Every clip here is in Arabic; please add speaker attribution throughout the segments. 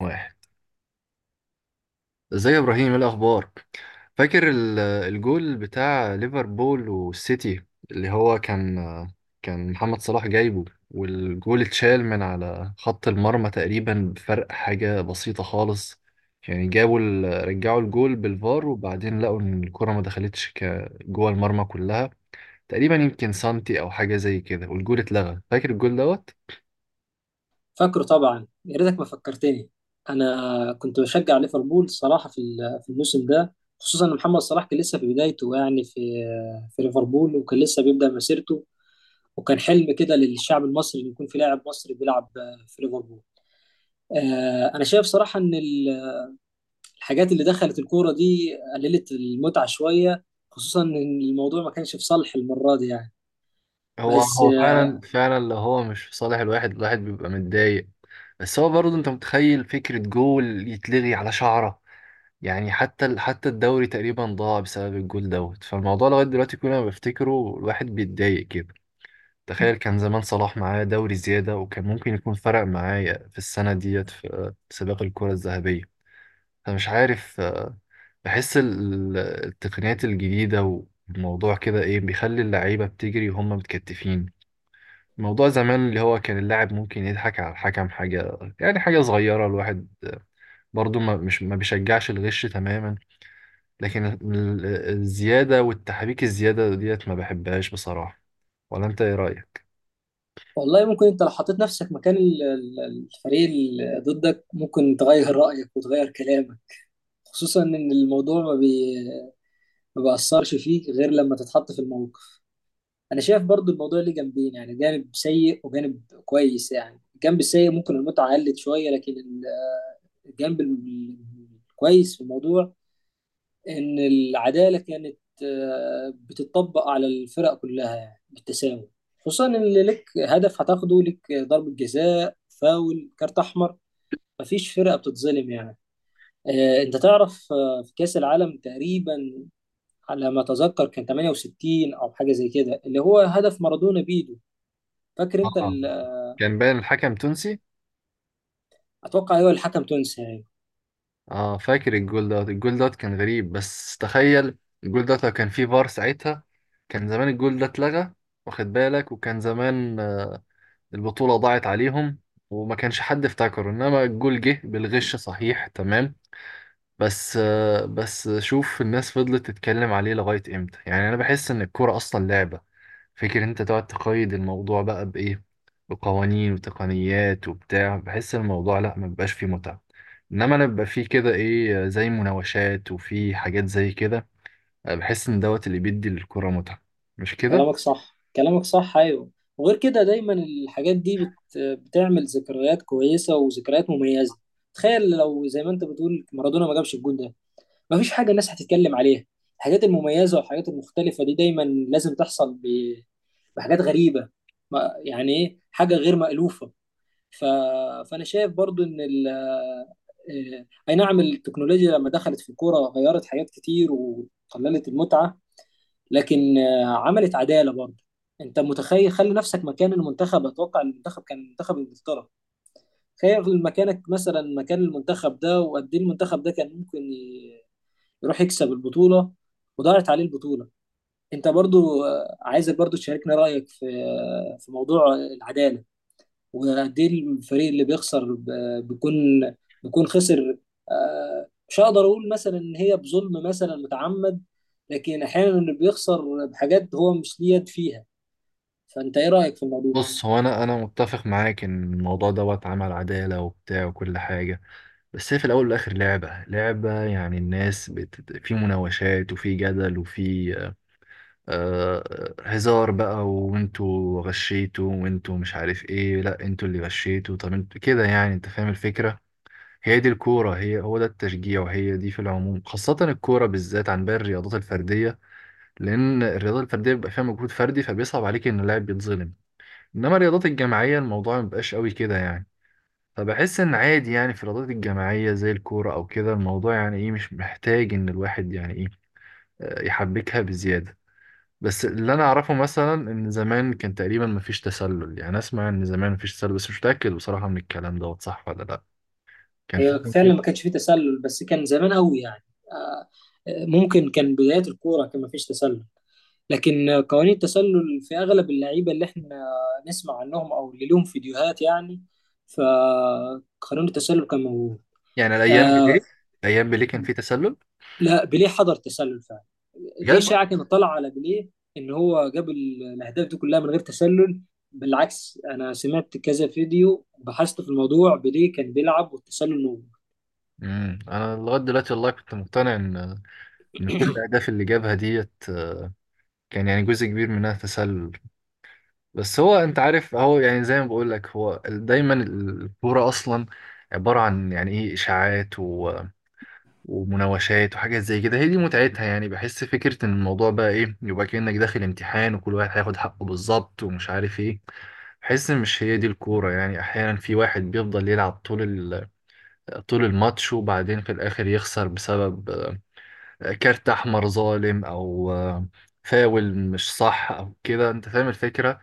Speaker 1: واحد. ازيك يا ابراهيم، ايه الاخبار؟ فاكر الجول بتاع ليفربول والسيتي اللي هو كان محمد صلاح جايبه، والجول اتشال من على خط المرمى تقريبا بفرق حاجة بسيطة خالص. يعني جابوا رجعوا الجول بالفار، وبعدين لقوا ان الكرة ما دخلتش جوه المرمى كلها تقريبا، يمكن سنتي او حاجة زي كده، والجول اتلغى. فاكر الجول دوت.
Speaker 2: فاكره طبعا، يا ريتك ما فكرتني. انا كنت بشجع ليفربول الصراحه في الموسم ده. خصوصا ان محمد صلاح كان لسه في بدايته، يعني في ليفربول وكان لسه بيبدا مسيرته. وكان حلم كده للشعب المصري ان يكون في لاعب مصري بيلعب في ليفربول. انا شايف صراحه ان الحاجات اللي دخلت الكوره دي قللت المتعه شويه، خصوصا ان الموضوع ما كانش في صالح المره دي يعني.
Speaker 1: هو
Speaker 2: بس،
Speaker 1: هو فعلا فعلا، لو هو مش في صالح الواحد بيبقى متضايق. بس هو برضه، انت متخيل فكرة جول يتلغي على شعرة؟ يعني حتى الدوري تقريبا ضاع بسبب الجول دوت، فالموضوع لغاية دلوقتي كل ما بفتكره الواحد بيتضايق كده. تخيل كان زمان صلاح معاه دوري زيادة، وكان ممكن يكون فرق معايا في السنة ديت في سباق الكرة الذهبية. فمش عارف بحس التقنيات الجديدة والموضوع كده ايه بيخلي اللعيبة بتجري وهم متكتفين. موضوع زمان اللي هو كان اللاعب ممكن يضحك على الحكم حاجة، يعني حاجة صغيرة، الواحد برضو ما بيشجعش الغش تماما، لكن الزيادة والتحريك الزيادة ديت ما بحبهاش بصراحة. ولا انت ايه رأيك؟
Speaker 2: والله ممكن انت لو حطيت نفسك مكان الفريق اللي ضدك ممكن تغير رأيك وتغير كلامك، خصوصا ان الموضوع ما بيأثرش فيك غير لما تتحط في الموقف. انا شايف برضو الموضوع ليه جنبين، يعني جانب سيء وجانب كويس، يعني الجانب السيء ممكن المتعة قلت شوية، لكن الجانب الكويس في الموضوع ان العداله كانت بتطبق على الفرق كلها، يعني بالتساوي. خصوصا ان لك هدف هتاخده، لك ضربه جزاء، فاول، كارت احمر، مفيش فرقه بتتظلم يعني. انت تعرف، في كاس العالم تقريبا، على ما اتذكر كان 68 او حاجه زي كده، اللي هو هدف مارادونا بيدو. فاكر انت
Speaker 1: اه، كان باين الحكم تونسي.
Speaker 2: اتوقع هو الحكم تونسي يعني.
Speaker 1: اه، فاكر الجول دوت. الجول دوت كان غريب، بس تخيل الجول دوت لو كان فيه فار ساعتها كان زمان الجول ده اتلغى، واخد بالك. وكان زمان البطولة ضاعت عليهم، وما كانش حد افتكره، انما الجول جه بالغش، صحيح تمام. بس بس شوف الناس فضلت تتكلم عليه لغاية امتى؟ يعني انا بحس ان الكورة اصلا لعبة. فكر انت تقعد تقيد الموضوع بقى بايه، بقوانين وتقنيات وبتاع، بحس الموضوع لا ما بيبقاش فيه متعة. انما انا بيبقى فيه كده ايه زي مناوشات وفي حاجات زي كده، بحس ان دوت اللي بيدي للكورة متعة. مش كده؟
Speaker 2: كلامك صح، كلامك صح، ايوه. وغير كده دايما الحاجات دي بتعمل ذكريات كويسه وذكريات مميزه. تخيل لو زي ما انت بتقول مارادونا ما جابش الجول ده، مفيش حاجه الناس هتتكلم عليها. الحاجات المميزه والحاجات المختلفه دي دايما لازم تحصل بحاجات غريبه. ما... يعني ايه، حاجه غير مألوفه. ف... فانا شايف برضو ان ال... آه، اي نعم التكنولوجيا لما دخلت في الكوره غيرت حاجات كتير وقللت المتعه، لكن عملت عداله برضه. انت متخيل، خلي نفسك مكان المنتخب، اتوقع المنتخب كان منتخب انجلترا. تخيل مكانك مثلا مكان المنتخب ده، وقد ايه المنتخب ده كان ممكن يروح يكسب البطوله، وضاعت عليه البطوله. انت برضو عايزك برضو تشاركنا رايك في في موضوع العداله، وقد ايه الفريق اللي بيخسر بيكون خسر. مش هقدر اقول مثلا ان هي بظلم مثلا متعمد، لكن احيانا اللي بيخسر بحاجات هو مش ليه يد فيها. فانت ايه رايك في الموضوع؟
Speaker 1: بص، هو انا متفق معاك ان الموضوع دوت عمل عدالة وبتاع وكل حاجة، بس هي في الأول والآخر لعبة لعبة، يعني الناس في مناوشات وفي جدل وفي آه... هزار بقى، وانتوا غشيتوا وانتوا مش عارف ايه، لا انتوا اللي غشيتوا، طب انتوا كده، يعني انت فاهم الفكرة. هي دي الكورة، هي هو ده التشجيع، وهي دي في العموم خاصة الكورة بالذات عن باقي الرياضات الفردية، لأن الرياضة الفردية بيبقى فيها مجهود فردي، فبيصعب عليك إن اللاعب بيتظلم. إنما الرياضات الجماعية الموضوع مبيبقاش قوي كده يعني. فبحس ان عادي، يعني في الرياضات الجماعيه زي الكوره او كده الموضوع يعني ايه مش محتاج ان الواحد يعني ايه يحبكها بزياده. بس اللي انا اعرفه مثلا ان زمان كان تقريبا مفيش تسلل، يعني اسمع ان زمان مفيش تسلل، بس مش متاكد بصراحه من الكلام دوت صح ولا لا. كان
Speaker 2: هي
Speaker 1: فعلا
Speaker 2: فعلا
Speaker 1: كده؟
Speaker 2: ما كانش فيه تسلل، بس كان زمان قوي يعني. آه، ممكن كان بدايات الكوره كان ما فيش تسلل، لكن قوانين التسلل في اغلب اللعيبه اللي احنا نسمع عنهم او اللي لهم فيديوهات يعني، فقانون التسلل كان موجود.
Speaker 1: يعني الايام
Speaker 2: آه،
Speaker 1: بليه، الايام بليه كان في تسلل؟
Speaker 2: لا، بيليه حضر تسلل فعلا. دي
Speaker 1: بجد؟
Speaker 2: اشاعه كانت طالعه على بيليه ان هو جاب الاهداف دي كلها من غير تسلل. بالعكس، انا سمعت كذا فيديو، بحثت في الموضوع، بيليه كان بيلعب والتسلل نوم.
Speaker 1: انا لغايه دلوقتي والله كنت مقتنع ان كل الاهداف اللي جابها ديت كان يعني جزء كبير منها تسلل. بس هو انت عارف، هو يعني زي ما بقول لك، هو دايما الكوره اصلا عباره عن يعني ايه اشاعات ومناوشات وحاجات زي كده، هي دي متعتها. يعني بحس فكره ان الموضوع بقى ايه، يبقى كانك داخل امتحان وكل واحد هياخد حقه بالظبط ومش عارف ايه، بحس ان مش هي دي الكوره. يعني احيانا في واحد بيفضل يلعب طول طول الماتش، وبعدين في الاخر يخسر بسبب كارت احمر ظالم او فاول مش صح او كده، انت فاهم الفكره.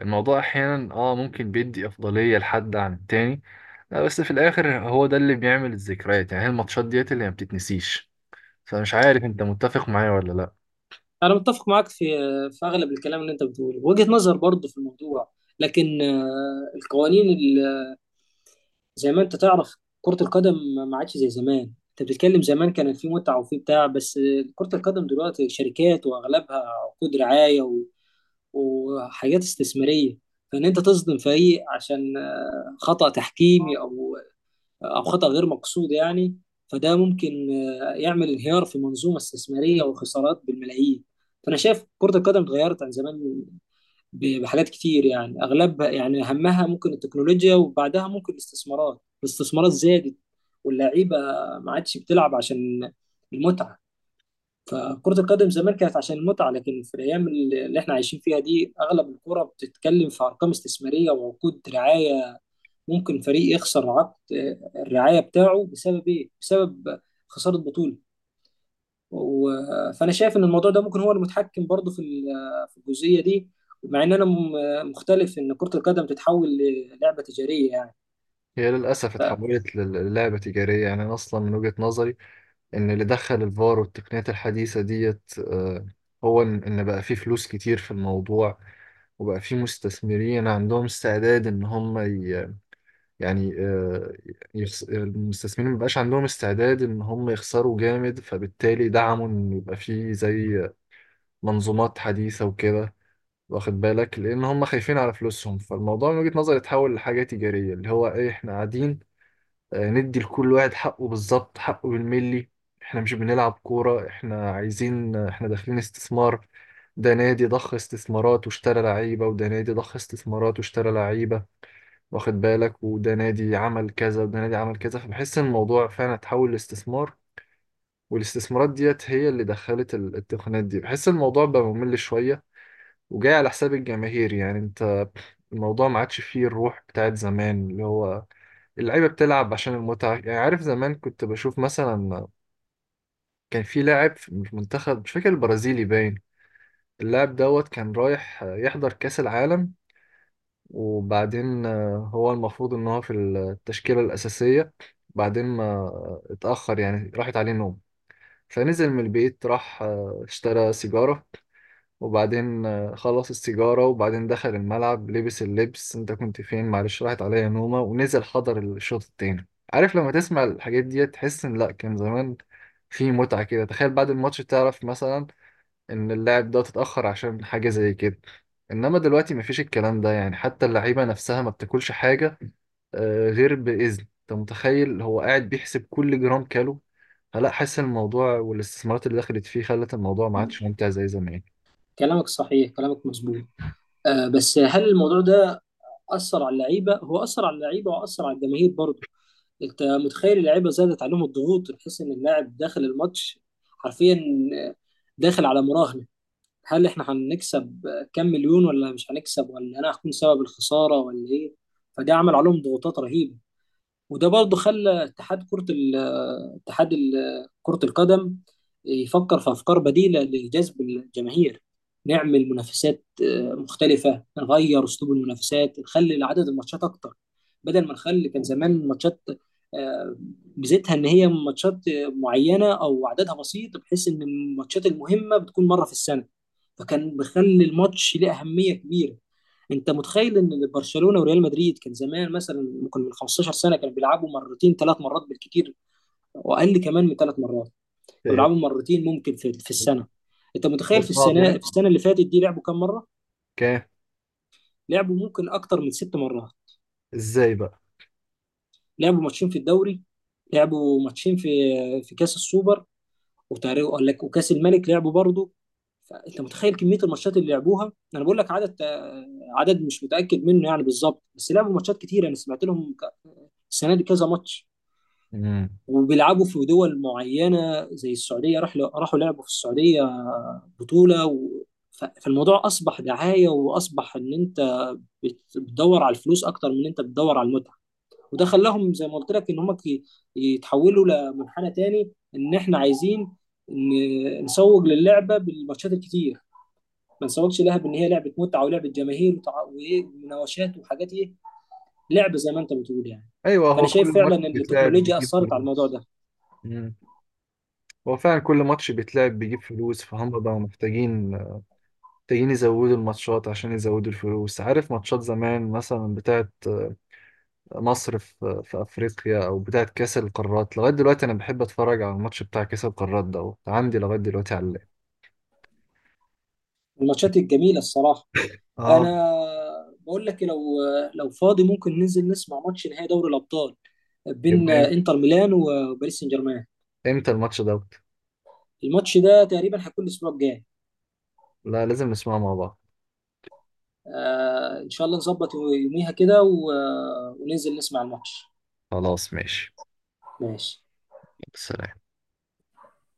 Speaker 1: الموضوع احيانا ممكن بيدي افضليه لحد عن التاني. لا، بس في الاخر هو ده اللي بيعمل الذكريات، يعني هي الماتشات ديت اللي ما بتتنسيش. فمش عارف انت متفق معايا ولا لا.
Speaker 2: انا متفق معاك في اغلب الكلام اللي انت بتقوله، وجهة نظر برضه في الموضوع. لكن القوانين زي ما انت تعرف، كرة القدم ما عادش زي زمان. انت بتتكلم زمان كان في متعة وفي بتاع، بس كرة القدم دلوقتي شركات، واغلبها عقود رعاية وحاجات استثمارية. فان انت تصدم فريق عشان خطأ تحكيمي او خطأ غير مقصود يعني، فده ممكن يعمل انهيار في منظومة استثمارية وخسارات بالملايين. فانا شايف كرة القدم اتغيرت عن زمان بحاجات كتير، يعني اغلبها، يعني اهمها ممكن التكنولوجيا، وبعدها ممكن الاستثمارات. الاستثمارات زادت، واللعيبه ما عادش بتلعب عشان المتعه. فكرة القدم زمان كانت عشان المتعة، لكن في الأيام اللي إحنا عايشين فيها دي أغلب الكرة بتتكلم في أرقام استثمارية وعقود رعاية. ممكن فريق يخسر عقد الرعاية بتاعه بسبب إيه؟ بسبب خسارة بطولة. فانا شايف ان الموضوع ده ممكن هو المتحكم برضه في الجزئيه دي، مع ان انا مختلف ان كره القدم تتحول للعبه تجاريه يعني.
Speaker 1: هي للاسف اتحولت للعبه تجاريه، يعني انا اصلا من وجهه نظري ان اللي دخل الفار والتقنيات الحديثه ديت هو ان بقى فيه فلوس كتير في الموضوع، وبقى فيه مستثمرين عندهم استعداد ان هم، يعني المستثمرين مبقاش عندهم استعداد ان هم يخسروا جامد، فبالتالي دعموا ان يبقى فيه زي منظومات حديثة وكده، واخد بالك، لان هم خايفين على فلوسهم. فالموضوع من وجهة نظري اتحول لحاجة تجارية، اللي هو ايه، احنا قاعدين ندي لكل واحد حقه بالظبط، حقه بالملي. احنا مش بنلعب كورة، احنا عايزين، احنا داخلين استثمار. ده نادي ضخ استثمارات واشترى لعيبة، وده نادي ضخ استثمارات واشترى لعيبة، واخد بالك، وده نادي عمل كذا وده نادي عمل كذا، فبحس ان الموضوع فعلا اتحول لاستثمار. والاستثمارات ديت هي اللي دخلت التقنيات دي، بحس الموضوع بقى ممل شوية وجاي على حساب الجماهير. يعني انت، الموضوع ما عادش فيه الروح بتاعت زمان، اللي هو اللعيبة بتلعب عشان المتعة. يعني عارف زمان كنت بشوف مثلا كان في لاعب في المنتخب، مش فاكر البرازيلي باين، اللاعب دوت كان رايح يحضر كأس العالم، وبعدين هو المفروض ان هو في التشكيلة الأساسية، بعدين ما اتأخر، يعني راحت عليه نوم، فنزل من البيت راح اشترى سيجارة، وبعدين خلص السيجارة وبعدين دخل الملعب لبس اللبس، انت كنت فين؟ معلش راحت عليا نومة، ونزل حضر الشوط التاني. عارف لما تسمع الحاجات دي تحس ان لا، كان زمان في متعة كده. تخيل بعد الماتش تعرف مثلا ان اللاعب ده تتأخر عشان حاجة زي كده، انما دلوقتي مفيش الكلام ده يعني. حتى اللعيبة نفسها ما بتاكلش حاجة غير بإذن. انت متخيل هو قاعد بيحسب كل جرام كالو؟ فلا، حاسس الموضوع والاستثمارات اللي دخلت فيه خلت الموضوع ما عادش ممتع زي زمان.
Speaker 2: كلامك صحيح، كلامك مظبوط. بس هل الموضوع ده اثر على اللعيبه؟ هو اثر على اللعيبه واثر على الجماهير برضه. انت متخيل اللعيبه زادت عليهم الضغوط، تحس ان اللاعب داخل الماتش حرفيا، آه، داخل على مراهنه. هل احنا هنكسب كام مليون، ولا مش هنكسب، ولا انا هكون سبب الخساره، ولا ايه؟ فده عمل عليهم ضغوطات رهيبه. وده برضه خلى اتحاد كرة ال- اتحاد ال- كرة القدم يفكر في أفكار بديلة لجذب الجماهير. نعمل منافسات مختلفة، نغير أسلوب المنافسات، نخلي عدد الماتشات أكتر، بدل ما نخلي. كان زمان ماتشات آه، ميزتها إن هي ماتشات معينة أو عددها بسيط، بحيث إن الماتشات المهمة بتكون مرة في السنة، فكان بيخلي الماتش ليه أهمية كبيرة. انت متخيل ان برشلونه وريال مدريد كان زمان مثلا ممكن من 15 سنه كانوا بيلعبوا مرتين، ثلاث مرات بالكتير، واقل كمان من ثلاث مرات. كانوا
Speaker 1: إيه،
Speaker 2: بيلعبوا مرتين ممكن في السنه. انت متخيل
Speaker 1: خد
Speaker 2: في
Speaker 1: بعض
Speaker 2: السنه
Speaker 1: يعني.
Speaker 2: في السنه اللي فاتت دي لعبوا كام مره؟
Speaker 1: كام؟
Speaker 2: لعبوا ممكن اكتر من ست مرات.
Speaker 1: ازاي بقى؟
Speaker 2: لعبوا ماتشين في الدوري، لعبوا ماتشين في كاس السوبر، وتقريبا قال لك وكاس الملك لعبوا برضه. فانت متخيل كميه الماتشات اللي لعبوها، انا بقول لك عدد، مش متاكد منه يعني بالظبط، بس لعبوا ماتشات كتير. انا سمعت لهم السنه دي كذا ماتش.
Speaker 1: مم.
Speaker 2: وبيلعبوا في دول معينة زي السعودية، راحوا لعبوا في السعودية بطولة فالموضوع أصبح دعاية، وأصبح إن أنت بتدور على الفلوس أكتر من إن أنت بتدور على المتعة. وده خلاهم زي ما قلت لك إن هم يتحولوا لمنحنى تاني، إن إحنا عايزين نسوق للعبة بالماتشات الكتير، ما نسوقش لها بإن هي لعبة متعة ولعبة جماهير وإيه ومناوشات وحاجات إيه، لعبة زي ما أنت بتقول يعني.
Speaker 1: ايوه،
Speaker 2: فأنا
Speaker 1: هو كل
Speaker 2: شايف فعلا
Speaker 1: ماتش
Speaker 2: إن
Speaker 1: بيتلعب
Speaker 2: التكنولوجيا
Speaker 1: بيجيب
Speaker 2: أثرت على الموضوع
Speaker 1: فلوس.
Speaker 2: ده.
Speaker 1: مم. هو فعلا كل ماتش بيتلعب بيجيب فلوس، فهم بقوا محتاجين يزودوا الماتشات عشان يزودوا الفلوس. عارف ماتشات زمان مثلا بتاعت مصر في أفريقيا، أو بتاعت كأس القارات، لغاية دلوقتي أنا بحب أتفرج على الماتش بتاع كأس القارات دوت، عندي لغاية دلوقتي على اللاب.
Speaker 2: الماتشات الجميله الصراحه.
Speaker 1: اه.
Speaker 2: انا بقول لك، لو فاضي ممكن ننزل نسمع ماتش نهائي دوري الابطال بين
Speaker 1: يبقى
Speaker 2: انتر ميلان وباريس سان جيرمان.
Speaker 1: إمتى الماتش دوت؟
Speaker 2: الماتش ده تقريبا هيكون الاسبوع الجاي.
Speaker 1: لا، لازم نسمعه مع بعض.
Speaker 2: آه ان شاء الله، نظبط يوميها كده وننزل نسمع الماتش.
Speaker 1: خلاص، ماشي.
Speaker 2: ماشي.
Speaker 1: سلام.